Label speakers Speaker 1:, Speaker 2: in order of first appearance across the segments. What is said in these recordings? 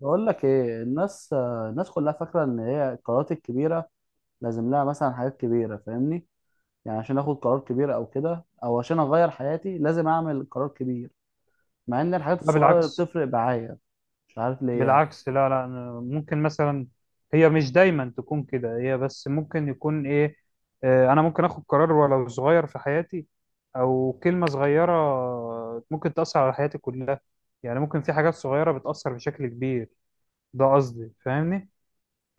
Speaker 1: بقول لك ايه الناس، الناس كلها فاكره ان هي القرارات الكبيره لازم لها مثلا حاجات كبيره، فاهمني؟ يعني عشان اخد قرار كبير او كده، او عشان اغير حياتي لازم اعمل قرار كبير، مع ان الحاجات
Speaker 2: لا
Speaker 1: الصغيره اللي
Speaker 2: بالعكس
Speaker 1: بتفرق معايا. مش عارف ليه يعني.
Speaker 2: بالعكس لا، لا، أنا ممكن مثلا، هي مش دايما تكون كده، هي بس ممكن يكون ايه. انا ممكن اخد قرار ولو صغير في حياتي، او كلمة صغيرة ممكن تأثر على حياتي كلها. يعني ممكن في حاجات صغيرة بتأثر بشكل كبير، ده قصدي، فاهمني؟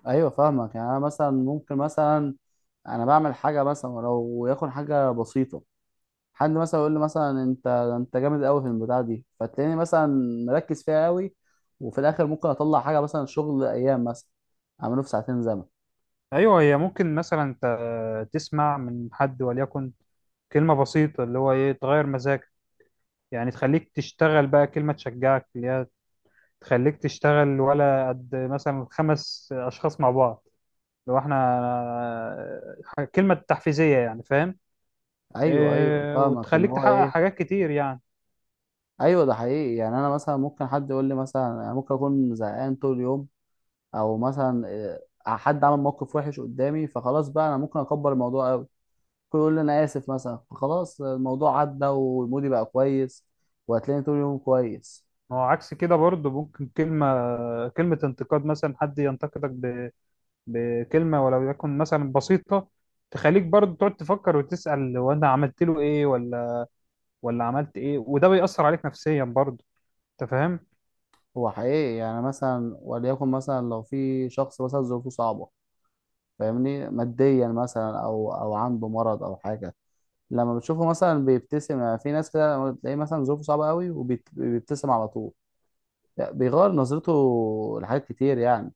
Speaker 1: ايوه فاهمك، يعني انا مثلا ممكن مثلا انا بعمل حاجه مثلا ولو يكون حاجه بسيطه. حد مثلا يقول لي مثلا انت جامد قوي في البتاع دي، فتلاقيني مثلا مركز فيها قوي، وفي الاخر ممكن اطلع حاجه مثلا شغل ايام مثلا اعمله في ساعتين زمن.
Speaker 2: ايوه، هي ممكن مثلا انت تسمع من حد وليكن كلمة بسيطة اللي هو ايه تغير مزاجك، يعني تخليك تشتغل. بقى كلمة تشجعك اللي هي تخليك تشتغل، ولا قد مثلا خمس اشخاص مع بعض لو احنا كلمة تحفيزية، يعني فاهم؟
Speaker 1: ايوه ايوه
Speaker 2: إيه
Speaker 1: فاهمك
Speaker 2: وتخليك
Speaker 1: اللي هو
Speaker 2: تحقق
Speaker 1: ايه.
Speaker 2: حاجات كتير يعني.
Speaker 1: ايوه ده حقيقي، يعني انا مثلا ممكن حد يقول لي مثلا، أنا ممكن اكون زهقان طول اليوم، او مثلا حد عمل موقف وحش قدامي، فخلاص بقى انا ممكن اكبر الموضوع قوي. ممكن يقول لي انا اسف مثلا، فخلاص الموضوع عدى ومودي بقى كويس وهتلاقيني طول اليوم كويس.
Speaker 2: ما هو عكس كده برضه ممكن كلمة انتقاد، مثلا حد ينتقدك بكلمة ولو يكن مثلا بسيطة، تخليك برضه تقعد تفكر وتسأل هو انا عملت له ايه ولا عملت ايه، وده بيأثر عليك نفسيا برضه، انت فاهم؟
Speaker 1: هو حقيقي يعني مثلا وليكن مثلا لو في شخص مثلا ظروفه صعبة، فاهمني؟ ماديا مثلا او او عنده مرض او حاجة، لما بتشوفه مثلا بيبتسم، يعني في ناس كده لما تلاقيه مثلا ظروفه صعبة قوي وبيبتسم على طول. لا، بيغير نظرته لحاجات كتير يعني.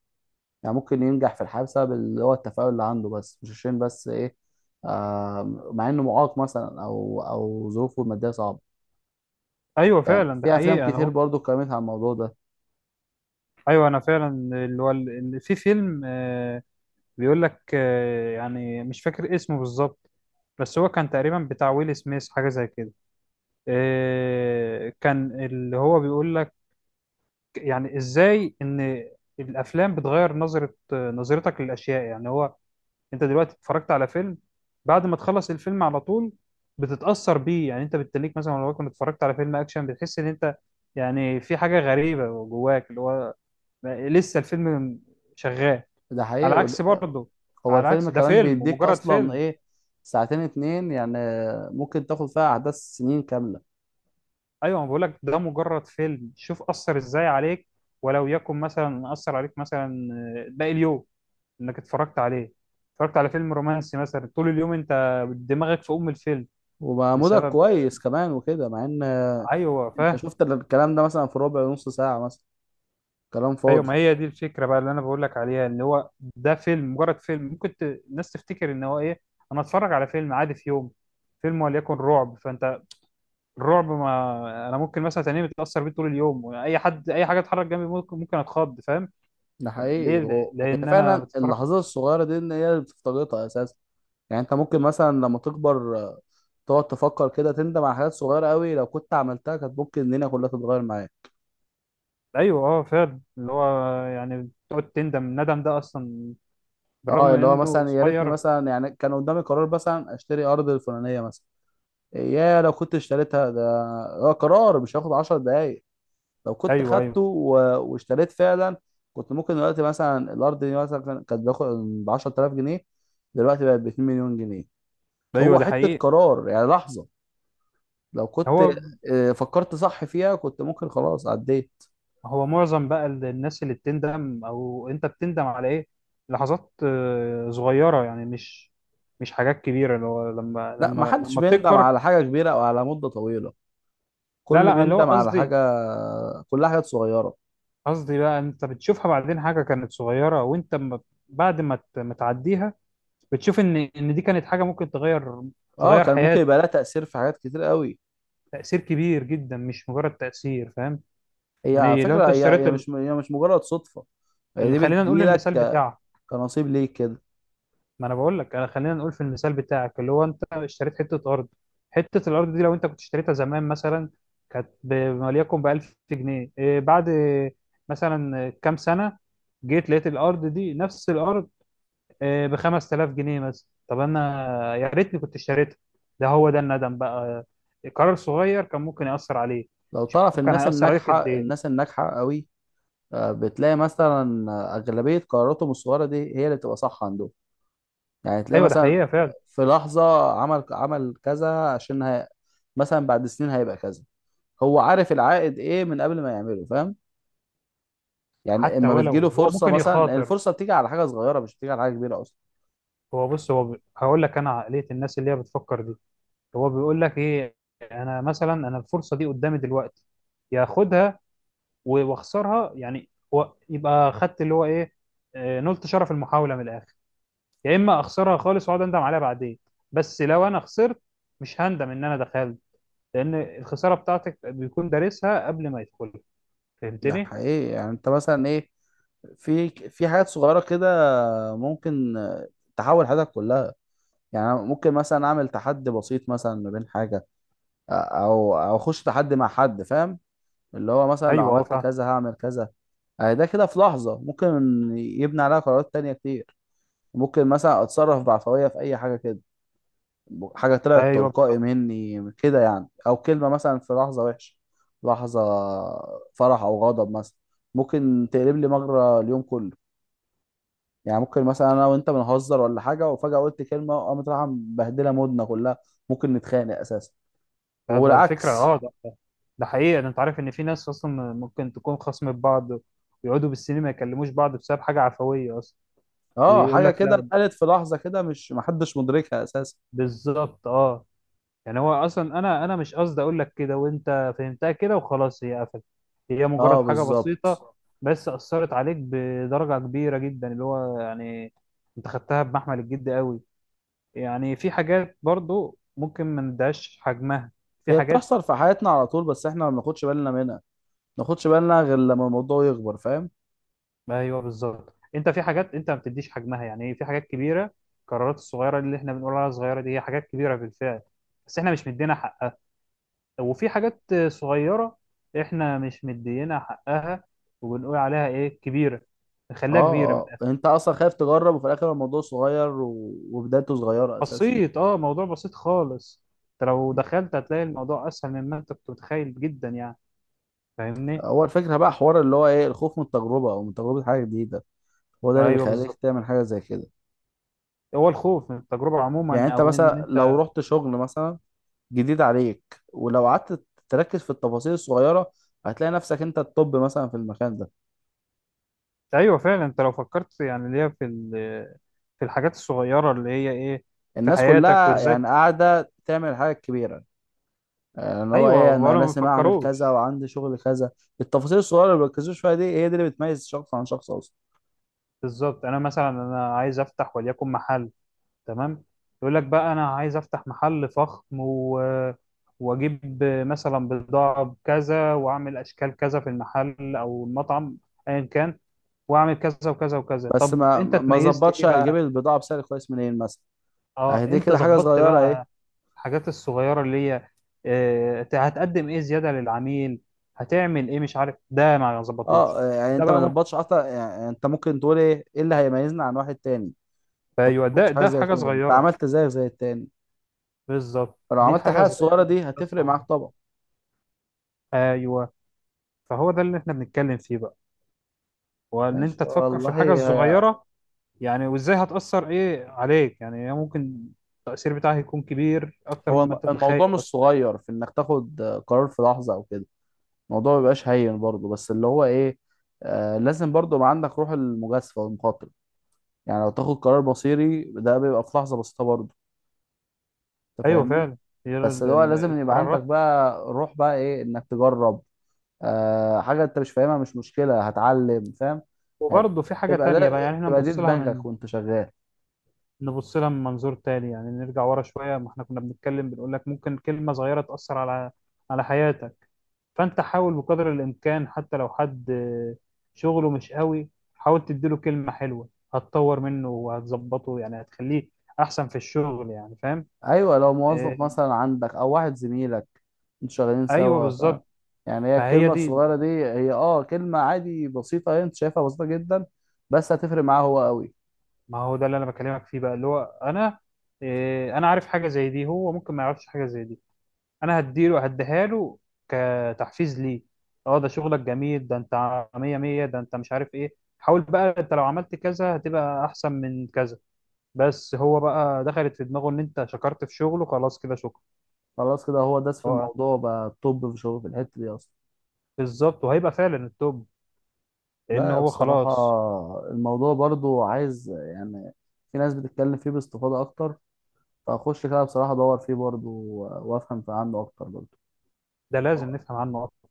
Speaker 1: يعني ممكن ينجح في الحياة بسبب اللي هو التفاؤل اللي عنده، بس مش عشان بس ايه، مع انه معاق مثلا او او ظروفه المادية صعبة.
Speaker 2: ايوه
Speaker 1: يعني
Speaker 2: فعلا ده
Speaker 1: في افلام
Speaker 2: حقيقة، انا
Speaker 1: كتير
Speaker 2: اهو.
Speaker 1: برضو اتكلمت عن الموضوع ده.
Speaker 2: ايوه انا فعلا، اللي هو ال- ال- في فيلم، بيقول لك، يعني مش فاكر اسمه بالظبط، بس هو كان تقريبا بتاع ويل سميث، حاجة زي كده. كان اللي هو بيقول لك يعني ازاي ان الافلام بتغير نظرة، نظرتك للاشياء. يعني هو انت دلوقتي اتفرجت على فيلم، بعد ما تخلص الفيلم على طول بتتأثر بيه. يعني انت بالتليك مثلا لو كنت اتفرجت على فيلم اكشن بتحس ان انت يعني في حاجة غريبة جواك، اللي هو لسه الفيلم شغال.
Speaker 1: ده حقيقي
Speaker 2: على عكس برضه،
Speaker 1: هو
Speaker 2: على
Speaker 1: الفيلم
Speaker 2: عكس ده
Speaker 1: كمان
Speaker 2: فيلم
Speaker 1: بيديك
Speaker 2: ومجرد
Speaker 1: اصلا
Speaker 2: فيلم.
Speaker 1: ايه، ساعتين اتنين يعني، ممكن تاخد فيها احداث سنين كاملة.
Speaker 2: ايوه، بقول لك ده مجرد فيلم، شوف اثر ازاي عليك، ولو يكن مثلا اثر عليك مثلا باقي اليوم انك اتفرجت عليه. اتفرجت على فيلم رومانسي مثلا طول اليوم انت دماغك في ام الفيلم
Speaker 1: ومعمولة
Speaker 2: بسبب.
Speaker 1: كويس كمان وكده، مع ان
Speaker 2: ايوه
Speaker 1: انت
Speaker 2: فاهم.
Speaker 1: شفت الكلام ده مثلا في ربع نص ساعة مثلا، كلام
Speaker 2: ايوه ما
Speaker 1: فاضي.
Speaker 2: هي دي الفكره بقى اللي انا بقول لك عليها، اللي هو ده فيلم مجرد فيلم، ممكن الناس تفتكر ان هو ايه، انا اتفرج على فيلم عادي في يوم. فيلم وليكن رعب، فانت الرعب ما انا ممكن مثلا تنام متاثر بيه طول اليوم، اي حد اي حاجه اتحرك جنبي ممكن ممكن اتخض فاهم؟
Speaker 1: ده
Speaker 2: ليه؟
Speaker 1: حقيقي، هي
Speaker 2: لان انا
Speaker 1: فعلا
Speaker 2: بتتفرج.
Speaker 1: اللحظات الصغيرة دي ان هي اللي بتفتقدها اساسا. يعني انت ممكن مثلا لما تكبر تقعد تفكر كده، تندم على حاجات صغيرة قوي لو كنت عملتها، كانت ممكن الدنيا كلها تتغير معايا.
Speaker 2: ايوه اه فعلا اللي هو يعني بتقعد تندم، الندم ده اصلا بالرغم
Speaker 1: اه
Speaker 2: من
Speaker 1: اللي هو
Speaker 2: انه
Speaker 1: مثلا يا ريتني
Speaker 2: صغير.
Speaker 1: مثلا يعني كان قدامي قرار مثلا اشتري ارض الفلانية مثلا، يا لو كنت اشتريتها. ده ده قرار مش هياخد 10 دقايق. لو كنت
Speaker 2: ايوه،
Speaker 1: خدته
Speaker 2: ايوه،
Speaker 1: واشتريت فعلا، كنت ممكن دلوقتي مثلا الارض دي مثلا كانت باخد ب 10,000 جنيه، دلوقتي بقت ب 2 مليون جنيه.
Speaker 2: ايوه،
Speaker 1: هو
Speaker 2: ده
Speaker 1: حته
Speaker 2: حقيقي.
Speaker 1: قرار يعني لحظه، لو كنت
Speaker 2: هو
Speaker 1: فكرت صح فيها كنت ممكن خلاص عديت.
Speaker 2: هو معظم بقى الناس اللي بتندم، او انت بتندم على ايه؟ لحظات صغيره، يعني مش حاجات كبيره، اللي هو لما
Speaker 1: لا ما
Speaker 2: لما
Speaker 1: حدش
Speaker 2: لما
Speaker 1: بيندم
Speaker 2: بتكبر.
Speaker 1: على حاجه كبيره او على مده طويله،
Speaker 2: لا،
Speaker 1: كل
Speaker 2: لا، اللي هو
Speaker 1: بيندم على
Speaker 2: قصدي،
Speaker 1: حاجه، كلها حاجات صغيره.
Speaker 2: قصدي بقى انت بتشوفها بعدين حاجه كانت صغيره وانت بعد ما ما تعديها، بتشوف ان دي كانت حاجه ممكن تغير،
Speaker 1: اه
Speaker 2: تغير
Speaker 1: كان ممكن
Speaker 2: حياتك.
Speaker 1: يبقى لها تاثير في حاجات كتير قوي.
Speaker 2: تأثير كبير جدا مش مجرد تأثير، فاهم؟
Speaker 1: هي على
Speaker 2: يعني لو
Speaker 1: فكره
Speaker 2: انت
Speaker 1: هي
Speaker 2: اشتريت
Speaker 1: هي مش هي مش مجرد صدفه. هي
Speaker 2: اللي
Speaker 1: دي
Speaker 2: خلينا نقول
Speaker 1: بتجيلك
Speaker 2: المثال بتاعك،
Speaker 1: كنصيب ليك كده.
Speaker 2: ما انا بقول لك، انا خلينا نقول في المثال بتاعك، اللي هو انت اشتريت حتة ارض. حتة الارض دي لو انت كنت اشتريتها زمان مثلا كانت وليكن ب 1000 جنيه، إيه بعد مثلا كام سنة جيت لقيت الارض دي نفس الارض، إيه ب 5000 جنيه مثلا، طب انا يا ريتني كنت اشتريتها، ده هو ده الندم بقى، قرار صغير كان ممكن يأثر عليه.
Speaker 1: لو تعرف
Speaker 2: شوف كان
Speaker 1: الناس
Speaker 2: هيأثر عليك قد
Speaker 1: الناجحة،
Speaker 2: ايه.
Speaker 1: الناس الناجحة قوي، بتلاقي مثلا أغلبية قراراتهم الصغيرة دي هي اللي بتبقى صح عندهم. يعني تلاقي
Speaker 2: ايوه ده
Speaker 1: مثلا
Speaker 2: حقيقة فعلا.
Speaker 1: في لحظة عمل كذا عشان هي مثلا بعد سنين هيبقى كذا، هو عارف العائد إيه من قبل ما يعمله، فاهم؟ يعني
Speaker 2: حتى
Speaker 1: اما بتجيله
Speaker 2: ولو هو
Speaker 1: فرصة
Speaker 2: ممكن
Speaker 1: مثلا، لأن
Speaker 2: يخاطر،
Speaker 1: الفرصة بتيجي على حاجة صغيرة، مش بتيجي على حاجة كبيرة أصلا.
Speaker 2: هو بص، هو هقول لك انا عقلية الناس اللي هي بتفكر دي، هو بيقول لك ايه، انا مثلا الفرصة دي قدامي دلوقتي ياخدها واخسرها، يعني هو يبقى خدت اللي هو ايه، نلت شرف المحاولة من الاخر، يا اما اخسرها خالص واقعد اندم عليها بعدين. بس لو انا خسرت مش هندم ان انا دخلت، لان الخسارة بتاعتك بيكون دارسها قبل ما يدخلها،
Speaker 1: ده
Speaker 2: فهمتني؟
Speaker 1: حقيقي، يعني أنت مثلا إيه، في حاجات صغيرة كده ممكن تحول حياتك كلها. يعني ممكن مثلا أعمل تحدي بسيط مثلا ما بين حاجة، او او اخش تحدي مع حد، فاهم؟ اللي هو مثلا لو
Speaker 2: ايوه اه
Speaker 1: عملت
Speaker 2: فاهم.
Speaker 1: كذا هعمل كذا. اهي ده كده في لحظة ممكن يبني عليها قرارات تانية كتير. ممكن مثلا اتصرف بعفوية في اي حاجة كده، حاجة طلعت
Speaker 2: ايوه
Speaker 1: تلقائي مني كده يعني، او كلمة مثلا في لحظة وحشة، لحظة فرح او غضب مثلا، ممكن تقلب لي مجرى اليوم كله. يعني ممكن مثلا انا وانت بنهزر ولا حاجة، وفجأة قلت كلمة قامت رايحة مبهدلة مودنا كلها، ممكن نتخانق اساسا،
Speaker 2: ده الفكرة،
Speaker 1: والعكس.
Speaker 2: اه ده حقيقة، ده انت عارف ان في ناس اصلا ممكن تكون خصم بعض ويقعدوا بالسنين ما يكلموش بعض بسبب حاجة عفوية اصلا.
Speaker 1: اه
Speaker 2: ويقول
Speaker 1: حاجه
Speaker 2: لك
Speaker 1: كده
Speaker 2: لا،
Speaker 1: اتقالت في لحظه كده، مش محدش مدركها اساسا.
Speaker 2: بالظبط اه. يعني هو اصلا انا مش قصدي اقول لك كده، وانت فهمتها كده وخلاص هي قفلت، هي مجرد
Speaker 1: اه
Speaker 2: حاجة
Speaker 1: بالظبط.
Speaker 2: بسيطة بس اثرت عليك بدرجة كبيرة جدا، اللي هو يعني انت خدتها بمحمل الجد قوي. يعني في حاجات برضو ممكن ما نديهاش حجمها، في
Speaker 1: هي
Speaker 2: حاجات.
Speaker 1: بتحصل في حياتنا على طول، بس احنا ما بناخدش بالنا منها، ما بناخدش بالنا غير لما الموضوع يكبر، فاهم؟
Speaker 2: ايوه بالظبط، انت في حاجات انت ما بتديش حجمها، يعني إيه؟ في حاجات كبيره، القرارات الصغيره اللي احنا بنقول عليها صغيره دي هي حاجات كبيره بالفعل، بس احنا مش مدينا حقها. وفي حاجات صغيره احنا مش مدينا حقها وبنقول عليها ايه كبيره، نخليها كبيره من
Speaker 1: اه. اه
Speaker 2: الآخر.
Speaker 1: انت اصلا خايف تجرب، وفي الاخر الموضوع صغير وبدايته صغيره اساسا.
Speaker 2: بسيط، اه موضوع بسيط خالص، انت لو دخلت هتلاقي الموضوع اسهل مما انت كنت متخيل جدا، يعني فاهمني؟
Speaker 1: هو الفكره بقى حوار اللي هو ايه، الخوف من التجربه او من تجربه حاجه جديده، هو ده اللي
Speaker 2: ايوه
Speaker 1: بيخليك
Speaker 2: بالظبط.
Speaker 1: تعمل حاجه زي كده.
Speaker 2: هو الخوف من التجربه
Speaker 1: يعني
Speaker 2: عموما
Speaker 1: انت
Speaker 2: او ان.
Speaker 1: مثلا لو رحت شغل مثلا جديد عليك، ولو قعدت تركز في التفاصيل الصغيره هتلاقي نفسك انت الطب مثلا في المكان ده.
Speaker 2: ايوه فعلا، انت لو فكرت يعني اللي هي في في الحاجات الصغيره اللي هي ايه في
Speaker 1: الناس
Speaker 2: حياتك
Speaker 1: كلها
Speaker 2: وازاي.
Speaker 1: يعني قاعدة تعمل حاجة كبيرة، ان هو
Speaker 2: ايوه
Speaker 1: ايه انا
Speaker 2: ولا ما
Speaker 1: لازم اعمل كذا
Speaker 2: بيفكروش.
Speaker 1: وعندي شغل كذا. التفاصيل الصغيرة اللي بيركزوش فيها دي، هي دي اللي بتميز شخص عن شخص اصلا.
Speaker 2: بالظبط، انا مثلا عايز افتح وليكن محل، تمام، يقول لك بقى انا عايز افتح محل فخم واجيب مثلا بضاعه بكذا، واعمل اشكال كذا في المحل او المطعم ايا كان، واعمل كذا وكذا وكذا،
Speaker 1: بس
Speaker 2: طب
Speaker 1: ما
Speaker 2: انت
Speaker 1: ما
Speaker 2: اتميزت
Speaker 1: ظبطش،
Speaker 2: ايه
Speaker 1: هيجيب
Speaker 2: بقى؟
Speaker 1: البضاعة بسعر كويس منين مثلا. اهي
Speaker 2: اه
Speaker 1: دي
Speaker 2: انت
Speaker 1: كده حاجة
Speaker 2: ظبطت
Speaker 1: صغيرة ايه.
Speaker 2: بقى. الحاجات الصغيرة اللي هي هتقدم ايه زيادة للعميل، هتعمل ايه مش عارف، ده ما ظبطوش.
Speaker 1: اه يعني
Speaker 2: ده
Speaker 1: انت
Speaker 2: بقى
Speaker 1: ما
Speaker 2: ممكن،
Speaker 1: ظبطش اصلا، يعني انت ممكن تقول ايه اللي هيميزنا عن واحد تاني. انت ما
Speaker 2: ايوه ده
Speaker 1: ظبطش حاجة
Speaker 2: ده
Speaker 1: زي
Speaker 2: حاجة
Speaker 1: كده، انت
Speaker 2: صغيرة،
Speaker 1: عملت زيك زي التاني.
Speaker 2: بالظبط
Speaker 1: فلو
Speaker 2: دي
Speaker 1: عملت
Speaker 2: حاجة
Speaker 1: الحاجة الصغيرة
Speaker 2: صغيرة
Speaker 1: دي،
Speaker 2: بس
Speaker 1: هتفرق معاك
Speaker 2: عظيمة.
Speaker 1: طبعا.
Speaker 2: ايوه، فهو ده اللي احنا بنتكلم فيه بقى، وان
Speaker 1: ماشي
Speaker 2: انت تفكر في
Speaker 1: والله،
Speaker 2: الحاجة الصغيرة يعني، وازاي هتأثر ايه عليك، يعني هي ممكن التأثير بتاعها يكون كبير اكتر
Speaker 1: هو
Speaker 2: مما انت تتخيل
Speaker 1: الموضوع مش
Speaker 2: بس.
Speaker 1: صغير في انك تاخد قرار في لحظة او كده، الموضوع ما بيبقاش هين برضه، بس اللي هو ايه، لازم برضه يبقى عندك روح المجازفه والمخاطره. يعني لو تاخد قرار مصيري، ده بيبقى في لحظه بسيطه برضه، انت
Speaker 2: ايوه
Speaker 1: فاهمني؟
Speaker 2: فعلا. هي
Speaker 1: بس اللي هو لازم يبقى عندك
Speaker 2: القرارات.
Speaker 1: بقى روح بقى ايه، انك تجرب. حاجه انت مش فاهمها مش مشكله، هتعلم، فاهم؟ يعني
Speaker 2: وبرضه في حاجة
Speaker 1: تبقى
Speaker 2: تانية بقى
Speaker 1: ده
Speaker 2: يعني احنا
Speaker 1: تبقى دي
Speaker 2: نبص لها من،
Speaker 1: دماغك وانت شغال.
Speaker 2: نبص لها من منظور تاني، يعني نرجع ورا شوية، ما احنا كنا بنتكلم بنقول لك ممكن كلمة صغيرة تأثر على، على حياتك. فأنت حاول بقدر الإمكان حتى لو حد شغله مش قوي، حاول تديله كلمة حلوة هتطور منه وهتظبطه يعني، هتخليه أحسن في الشغل، يعني فاهم؟
Speaker 1: ايوه لو موظف
Speaker 2: آه،
Speaker 1: مثلا عندك او واحد زميلك، انتوا شغالين
Speaker 2: أيوه
Speaker 1: سوا، فاهم؟
Speaker 2: بالظبط.
Speaker 1: يعني هي
Speaker 2: فهي
Speaker 1: الكلمه
Speaker 2: دي،
Speaker 1: الصغيره دي، هي اه كلمه عادي بسيطه، هي انت شايفها بسيطه جدا، بس هتفرق معاه هو قوي.
Speaker 2: ما هو ده اللي أنا بكلمك فيه بقى، اللي هو أنا عارف حاجة زي دي، هو ممكن ما يعرفش حاجة زي دي، انا هديله هديها له كتحفيز ليه. اه ده شغلك جميل، ده انت مية مية، ده انت مش عارف، ايه حاول بقى، انت لو عملت كذا هتبقى احسن من كذا. بس هو بقى دخلت في دماغه ان انت شكرت في شغله، خلاص كده شكرا.
Speaker 1: خلاص كده، هو داس في
Speaker 2: هو
Speaker 1: الموضوع بقى الطب في شغله في الحته دي اصلا.
Speaker 2: بالظبط، وهيبقى فعلا التوب لان
Speaker 1: لا
Speaker 2: هو
Speaker 1: بصراحه
Speaker 2: خلاص.
Speaker 1: الموضوع برضو عايز يعني، في ناس بتتكلم فيه باستفاضه اكتر، فاخش كده بصراحه ادور فيه برضو، وافهم عنه اكتر برضو.
Speaker 2: ده لازم نفهم عنه اكتر.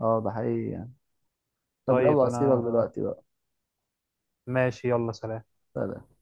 Speaker 1: اه ده حقيقي يعني. طب
Speaker 2: طيب
Speaker 1: يلا
Speaker 2: انا،
Speaker 1: اسيبك دلوقتي بقى.
Speaker 2: ماشي يلا سلام.
Speaker 1: سلام.